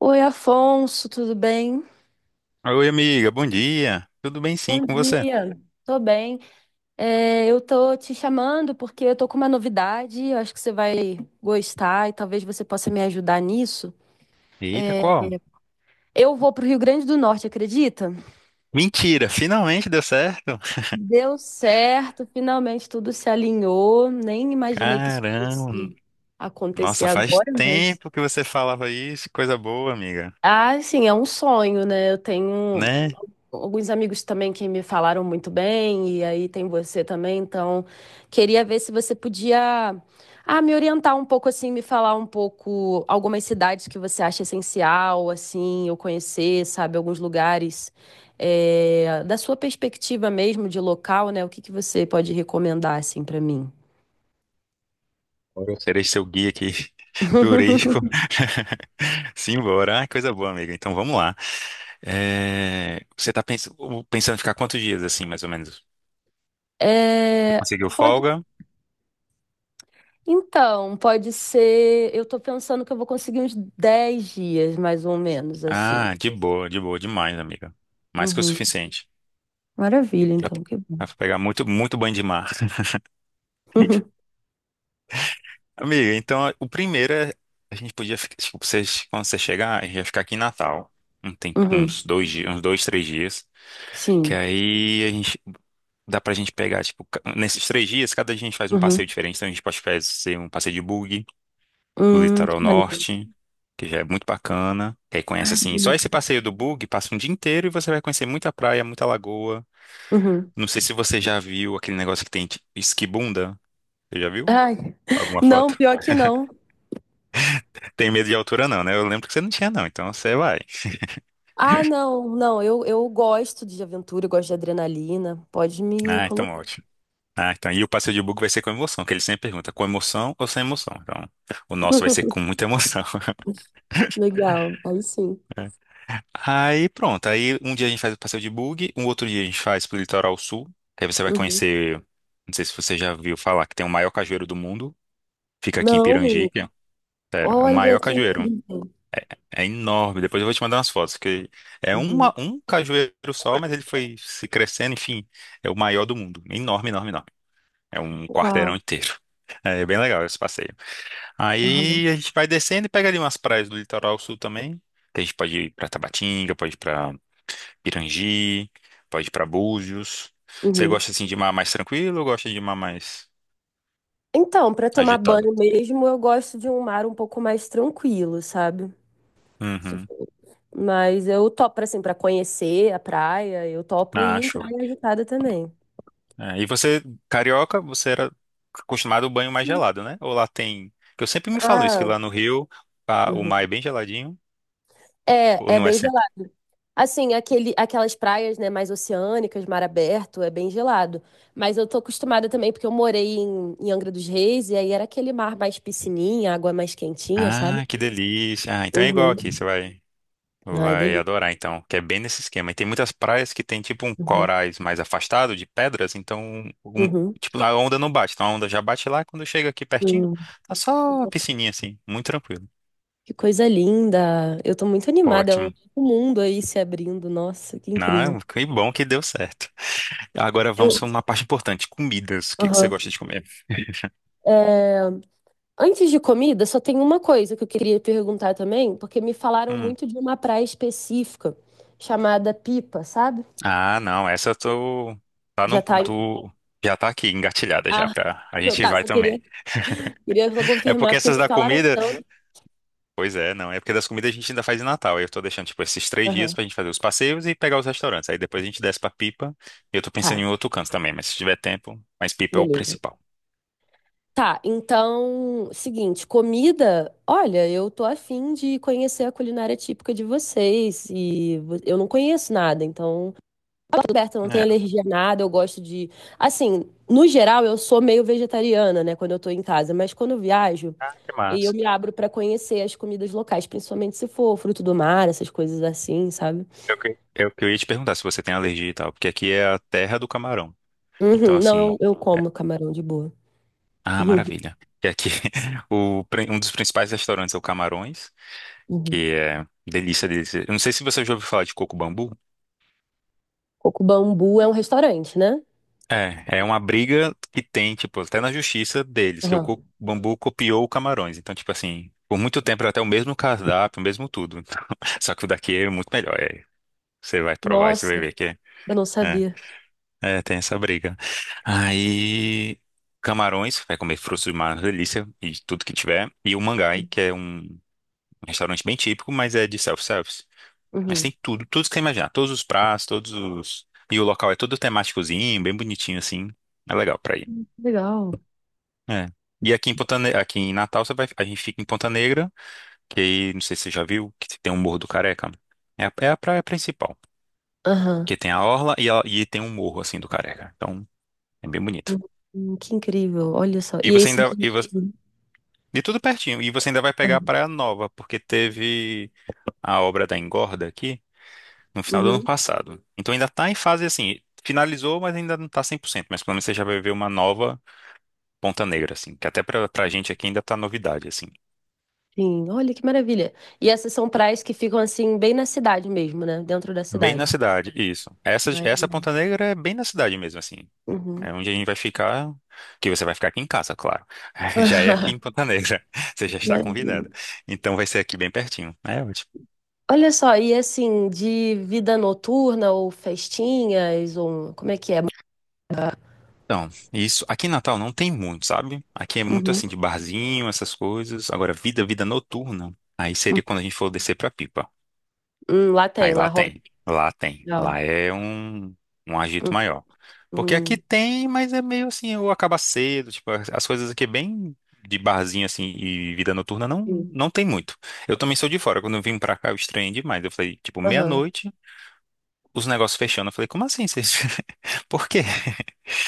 Oi, Afonso, tudo bem? Oi, amiga, bom dia. Tudo bem sim Bom com você? dia. Tô bem. É, eu tô te chamando porque eu tô com uma novidade, eu acho que você vai gostar e talvez você possa me ajudar nisso. Eita, qual? Eu vou pro Rio Grande do Norte, acredita? Mentira, finalmente deu certo. Deu certo, finalmente tudo se alinhou. Nem imaginei que isso Caramba, fosse acontecer nossa, faz agora, mas. tempo que você falava isso, coisa boa, amiga, Ah, sim, é um sonho, né? Eu tenho né? alguns amigos também que me falaram muito bem, e aí tem você também, então queria ver se você podia me orientar um pouco assim, me falar um pouco algumas cidades que você acha essencial, assim, eu conhecer, sabe, alguns lugares é, da sua perspectiva mesmo de local, né? O que que você pode recomendar assim para mim? Agora eu serei seu guia aqui, turístico. Simbora, ah, coisa boa, amiga. Então vamos lá. É, você tá pensando em ficar quantos dias assim, mais ou menos? Você É, conseguiu pode, folga? então, pode ser, eu tô pensando que eu vou conseguir uns 10 dias mais ou menos assim. Ah, de boa, demais, amiga. Mais que o Uhum. suficiente. Maravilha, Dá pra então, que bom. dá pra pegar muito, muito banho de mar. Amiga, então o primeiro é. A gente podia. Tipo, vocês, quando você chegar, a gente vai ficar aqui em Natal. Um tem Uhum, uns uhum, 2 dias, uns 2, 3 dias. Que sim. aí a gente. Dá pra gente pegar, tipo, nesses 3 dias, cada dia a gente faz um Uhum. passeio diferente. Então a gente pode fazer um passeio de bug do Que litoral maneiro. norte, que já é muito bacana. Que aí conhece Ai, que assim, só esse delícia. passeio do bug passa um dia inteiro e você vai conhecer muita praia, muita lagoa. Uhum. Não sei se você já viu aquele negócio que tem de esquibunda. Você já viu? Ai, Alguma não, foto? pior que não. Tem medo de altura, não, né? Eu lembro que você não tinha, não. Então você vai. Ah, não, não, eu gosto de aventura, eu gosto de adrenalina. Pode me Ah, então colocar. ótimo. Ah, então. E o passeio de bug vai ser com emoção, que ele sempre pergunta, com emoção ou sem emoção? Então, o nosso vai ser com muita emoção. Legal, aí sim. Aí pronto. Aí um dia a gente faz o passeio de bug, um outro dia a gente faz pro litoral sul. Que aí você vai Uhum. conhecer. Não sei se você já viu falar que tem o maior cajueiro do mundo. Fica aqui em Não, Pirangique. ó. Sério, é o olha maior que cajueiro. incrível. É enorme. Depois eu vou te mandar umas fotos, que é uma, Uhum. um cajueiro só, mas ele foi se crescendo, enfim. É o maior do mundo. Enorme, enorme, enorme. É um quarteirão Uau. inteiro. É bem legal esse passeio. Uhum. Aí a gente vai descendo e pega ali umas praias do litoral sul também. Que a gente pode ir pra Tabatinga, pode ir pra Pirangi, pode ir pra Búzios. Você Uhum. gosta assim de mar mais tranquilo ou gosta de mar mais Então, para tomar agitado? banho mesmo, eu gosto de um mar um pouco mais tranquilo, sabe? Se Uhum. for. Mas eu topo, assim, pra conhecer a praia, eu topo ir Ah, em show. praia agitada também. É, e você, carioca, você era acostumado ao banho mais gelado, né? Ou lá tem. Que eu sempre me falo isso, que Ah, lá no Rio o mar uhum. é bem geladinho, ou É, é não é bem sempre? gelado. Assim, aquele, aquelas praias, né, mais oceânicas, mar aberto, é bem gelado. Mas eu tô acostumada também, porque eu morei em Angra dos Reis, e aí era aquele mar mais piscininha, água mais quentinha, sabe? Ah, que delícia. Ah, então é igual aqui, Uhum. você vai. Ai, Vai delícia. adorar, então, que é bem nesse esquema. E tem muitas praias que tem tipo um Uhum. corais mais afastado de pedras, então um- Uhum. tipo, a onda não bate. Então a onda já bate lá, quando chega aqui pertinho, Uhum. tá só a piscininha assim, muito tranquilo. Que coisa linda. Eu tô muito animada, é um novo Ótimo. mundo aí se abrindo. Nossa, que incrível. Não, que bom que deu certo. Agora vamos Eu. para uma parte importante, comidas. O que que você Aham. gosta de comer? É, antes de comida, só tem uma coisa que eu queria perguntar também, porque me falaram Hum. muito de uma praia específica chamada Pipa, sabe? Ah, não, essa eu tô tá Já no tá. Do já tá aqui engatilhada já Ah, pra. A não, gente tá, vai só queria, também. queria só É confirmar, porque porque essas me da falaram comida. tanto. Pois é, não. É porque das comidas a gente ainda faz em Natal. Aí eu tô deixando, tipo, esses 3 dias Aham, pra gente fazer os passeios e pegar os restaurantes. Aí depois a gente desce pra Pipa. E eu tô pensando tá, em outro canto também, mas se tiver tempo, mas Pipa é o beleza. principal. Tá, então, seguinte, comida, olha, eu tô afim de conhecer a culinária típica de vocês e eu não conheço nada, então tudo certo, eu não tenho É. alergia a nada, eu gosto de. Assim, no geral, eu sou meio vegetariana, né, quando eu tô em casa, mas quando eu viajo, Ah, que e eu massa. me abro pra conhecer as comidas locais, principalmente se for fruto do mar, essas coisas assim, sabe? Eu ia te perguntar se você tem alergia e tal, porque aqui é a terra do camarão. Então, Uhum, não, eu, assim. eu é- como camarão de boa. Ah, maravilha. E aqui, o, um dos principais restaurantes é o Camarões, Uhum. que é delícia, delícia. Eu não sei se você já ouviu falar de Coco Bambu. Coco Bambu é um restaurante, né? É, é uma briga que tem, tipo, até na justiça deles, que o Aham. co- bambu copiou o Camarões. Então, tipo assim, por muito tempo era até o mesmo cardápio, o mesmo tudo. Só que o daqui é muito melhor. É, você vai provar e você vai Nossa, ver que é. eu não É, sabia. é, tem essa briga. Aí, Camarões, vai comer frutos do mar, uma delícia, e tudo que tiver. E o Mangai, Uhum. que é um restaurante bem típico, mas é de self-service. Mas tem tudo, tudo que você imaginar. Todos os pratos, todos os. E o local é todo temáticozinho, bem bonitinho, assim. É legal pra ir. Que legal. É. E aqui em aqui em Natal você vai, a gente fica em Ponta Negra, que aí, não sei se você já viu, que tem um Morro do Careca. É a praia principal, Aham. que tem a orla e, e tem um morro assim do Careca. Então, é bem bonito. Hum, que incrível, olha só. E E é você isso ainda daí. e, você, Uhum. e tudo pertinho, e você ainda vai pegar a Aham. Praia Nova, porque teve a obra da Engorda aqui no final do ano Uhum. passado. Então ainda tá em fase assim, finalizou, mas ainda não tá 100%, mas pelo menos você já vai ver uma nova Ponta Negra assim, que até pra gente aqui ainda tá novidade assim. Sim, olha que maravilha. E essas são praias que ficam assim, bem na cidade mesmo, né? Dentro da Bem na cidade. cidade, isso. Essa, Ai, essa Ponta Negra é bem na cidade mesmo, assim. uhum. É onde a gente vai ficar, que você vai ficar aqui em casa, claro. Já é aqui em Ponta Negra. Você já está Maravilha. convidado. Então vai ser aqui bem pertinho. É ótimo. Olha só, e assim, de vida noturna ou festinhas, ou um, como é que é? Então, isso. Aqui em Natal não tem muito, sabe? Aqui é muito assim Uhum. de barzinho, essas coisas. Agora, vida noturna. Aí Hum, seria quando a gente for descer pra Pipa. Lá tem, Aí lá lá rola. tem, lá tem. Lá Legal. é um agito maior. Porque aqui Hum, tem, mas é meio assim, ou acaba cedo, tipo, as coisas aqui é bem de barzinho assim e vida noturna não hum. não tem muito. Eu também sou de fora, quando eu vim pra cá eu estranhei demais. Eu falei, tipo, Aham. meia-noite, os negócios fechando. Eu falei, como assim? Vocês. Por quê?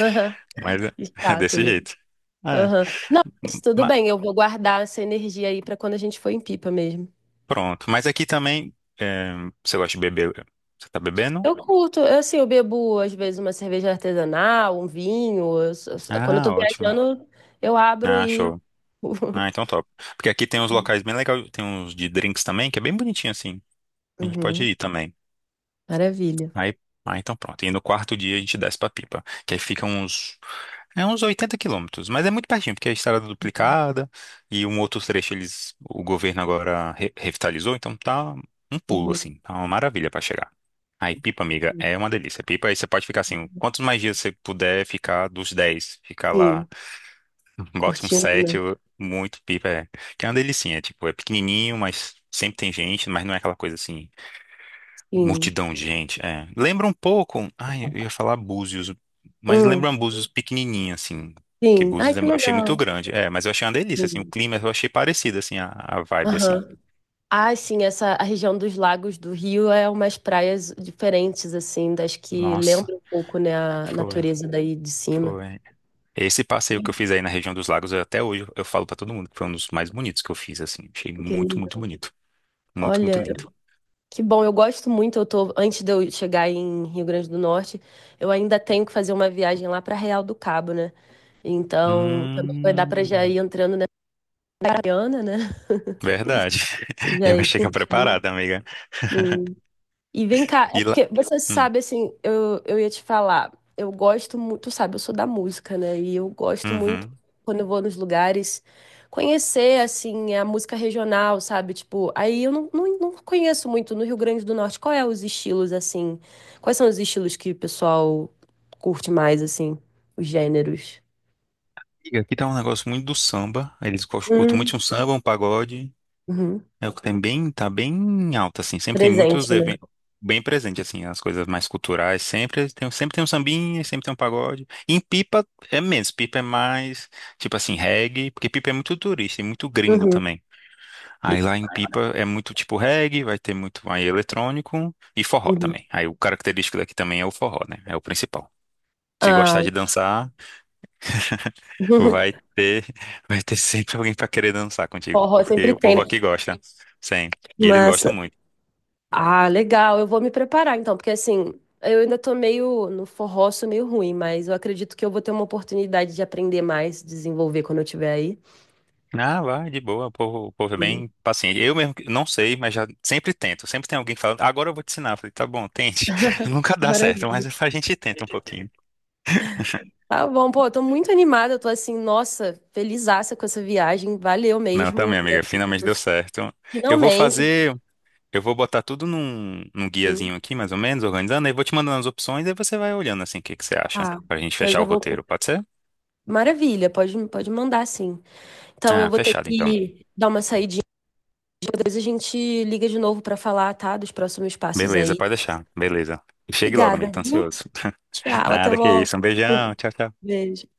Aham. Mas é Que é chato, desse né? jeito. É, Aham. Não, mas tudo ma- bem, eu vou guardar essa energia aí para quando a gente for em Pipa mesmo. pronto. Mas aqui também, é, você gosta de beber? Você tá bebendo? Eu curto, eu, assim, eu bebo às vezes uma cerveja artesanal, um vinho. Quando eu tô Ah, ótimo. viajando, eu abro Ah, e. show. Ah, então top. Porque aqui tem uns locais bem legais, tem uns de drinks também, que é bem bonitinho assim. A gente pode Uhum, ir também. maravilha. Aí, ah, então pronto. E no quarto dia a gente desce pra Pipa, que aí fica uns, é uns 80 quilômetros, mas é muito pertinho, porque a estrada é duplicada e um outro trecho eles, o governo agora revitalizou, então tá um pulo Uhum, assim, tá uma maravilha pra chegar. Aí Pipa, amiga, é uma delícia. Pipa, aí você pode ficar assim, quantos mais dias você puder ficar dos 10, ficar lá. sim, Bota um curtindo, set, né? Muito pipa, é. Que é uma delicinha, tipo, é pequenininho, mas sempre tem gente, mas não é aquela coisa assim, Sim. multidão de gente, é. Lembra um pouco, ai, eu ia falar Búzios, mas lembra Hum, um Búzios pequenininho, assim, que sim. Ai, Búzios que eu achei muito legal. grande, é, mas eu achei uma delícia, assim, o Sim. clima eu achei parecido, assim, a vibe, assim. Aham. Ah, sim, essa a região dos lagos do Rio é umas praias diferentes, assim, das que Nossa, lembram um pouco, né, a foi, natureza daí de cima. foi. Esse passeio que Sim. eu fiz aí na região dos lagos, até hoje eu falo pra todo mundo que foi um dos mais bonitos que eu fiz, assim, achei Que muito, muito lindo. bonito, muito, muito Olha. lindo. Que bom, eu gosto muito. Eu tô, antes de eu chegar em Rio Grande do Norte, eu ainda tenho que fazer uma viagem lá para Real do Cabo, né? Então, também vai dar para já Hum. ir entrando na Mariana, né? Verdade. Já Já vai ir chegar curtindo. preparada, amiga. E vem cá, é E lá. porque você Hum, sabe, assim, eu ia te falar, eu gosto muito, tu sabe, eu sou da música, né? E eu gosto muito, Uhum. quando eu vou nos lugares, conhecer, assim, a música regional, sabe? Tipo, aí eu não, não, não conheço muito no Rio Grande do Norte. Qual é os estilos, assim? Quais são os estilos que o pessoal curte mais, assim? Os gêneros? E aqui tá um negócio muito do samba. Eles curtem muito Hum, um samba, um pagode. Uhum. É o que tem bem, tá bem alto, assim. Sempre tem muitos Presente, né? eventos bem presente, assim, as coisas mais culturais. Sempre tem um sambinha, sempre tem um pagode. E em Pipa é menos. Pipa é mais, tipo assim, reggae, porque Pipa é muito turista e muito gringo Uhum. também. Aí lá em Pipa é muito tipo reggae, vai ter muito aí eletrônico e forró Uhum. também. Aí o característico daqui também é o forró, né? É o principal. Se Ah, gostar de dançar, vai ter, vai ter sempre alguém para querer dançar contigo, forró porque sempre o tem, povo né? aqui gosta. Sim. E eles Mas gostam muito. ah, legal. Eu vou me preparar então, porque assim, eu ainda tô meio no forró, sou meio ruim, mas eu acredito que eu vou ter uma oportunidade de aprender mais, desenvolver quando eu estiver aí. Ah, vai, de boa, o povo é Sim. bem paciente. Eu mesmo não sei, mas já sempre tento. Sempre tem alguém falando, agora eu vou te ensinar. Eu falei, tá bom, tente. Nunca dá certo, Maravilha. mas a gente tenta um pouquinho. Tá bom, pô, eu tô muito animada, eu tô assim, nossa, felizaça com essa viagem, valeu Não, tá, mesmo. minha É, amiga, finalmente deu certo. Eu vou finalmente. fazer Eu vou botar tudo num guiazinho Hum. aqui, mais ou menos, organizando, aí vou te mandando as opções, aí você vai olhando assim o que que você acha, Ah, pra gente eu fechar já o vou. Com- roteiro, pode ser? Maravilha, pode, pode mandar sim. Então eu Ah, vou ter fechado então. que dar uma saidinha, depois a gente liga de novo pra falar, tá, dos próximos passos Beleza, aí. pode deixar. Beleza. Chegue logo, amigo, Obrigada, tô viu? ansioso. Tchau, até Nada que logo. isso. Um beijão. Tchau, tchau. Beijo.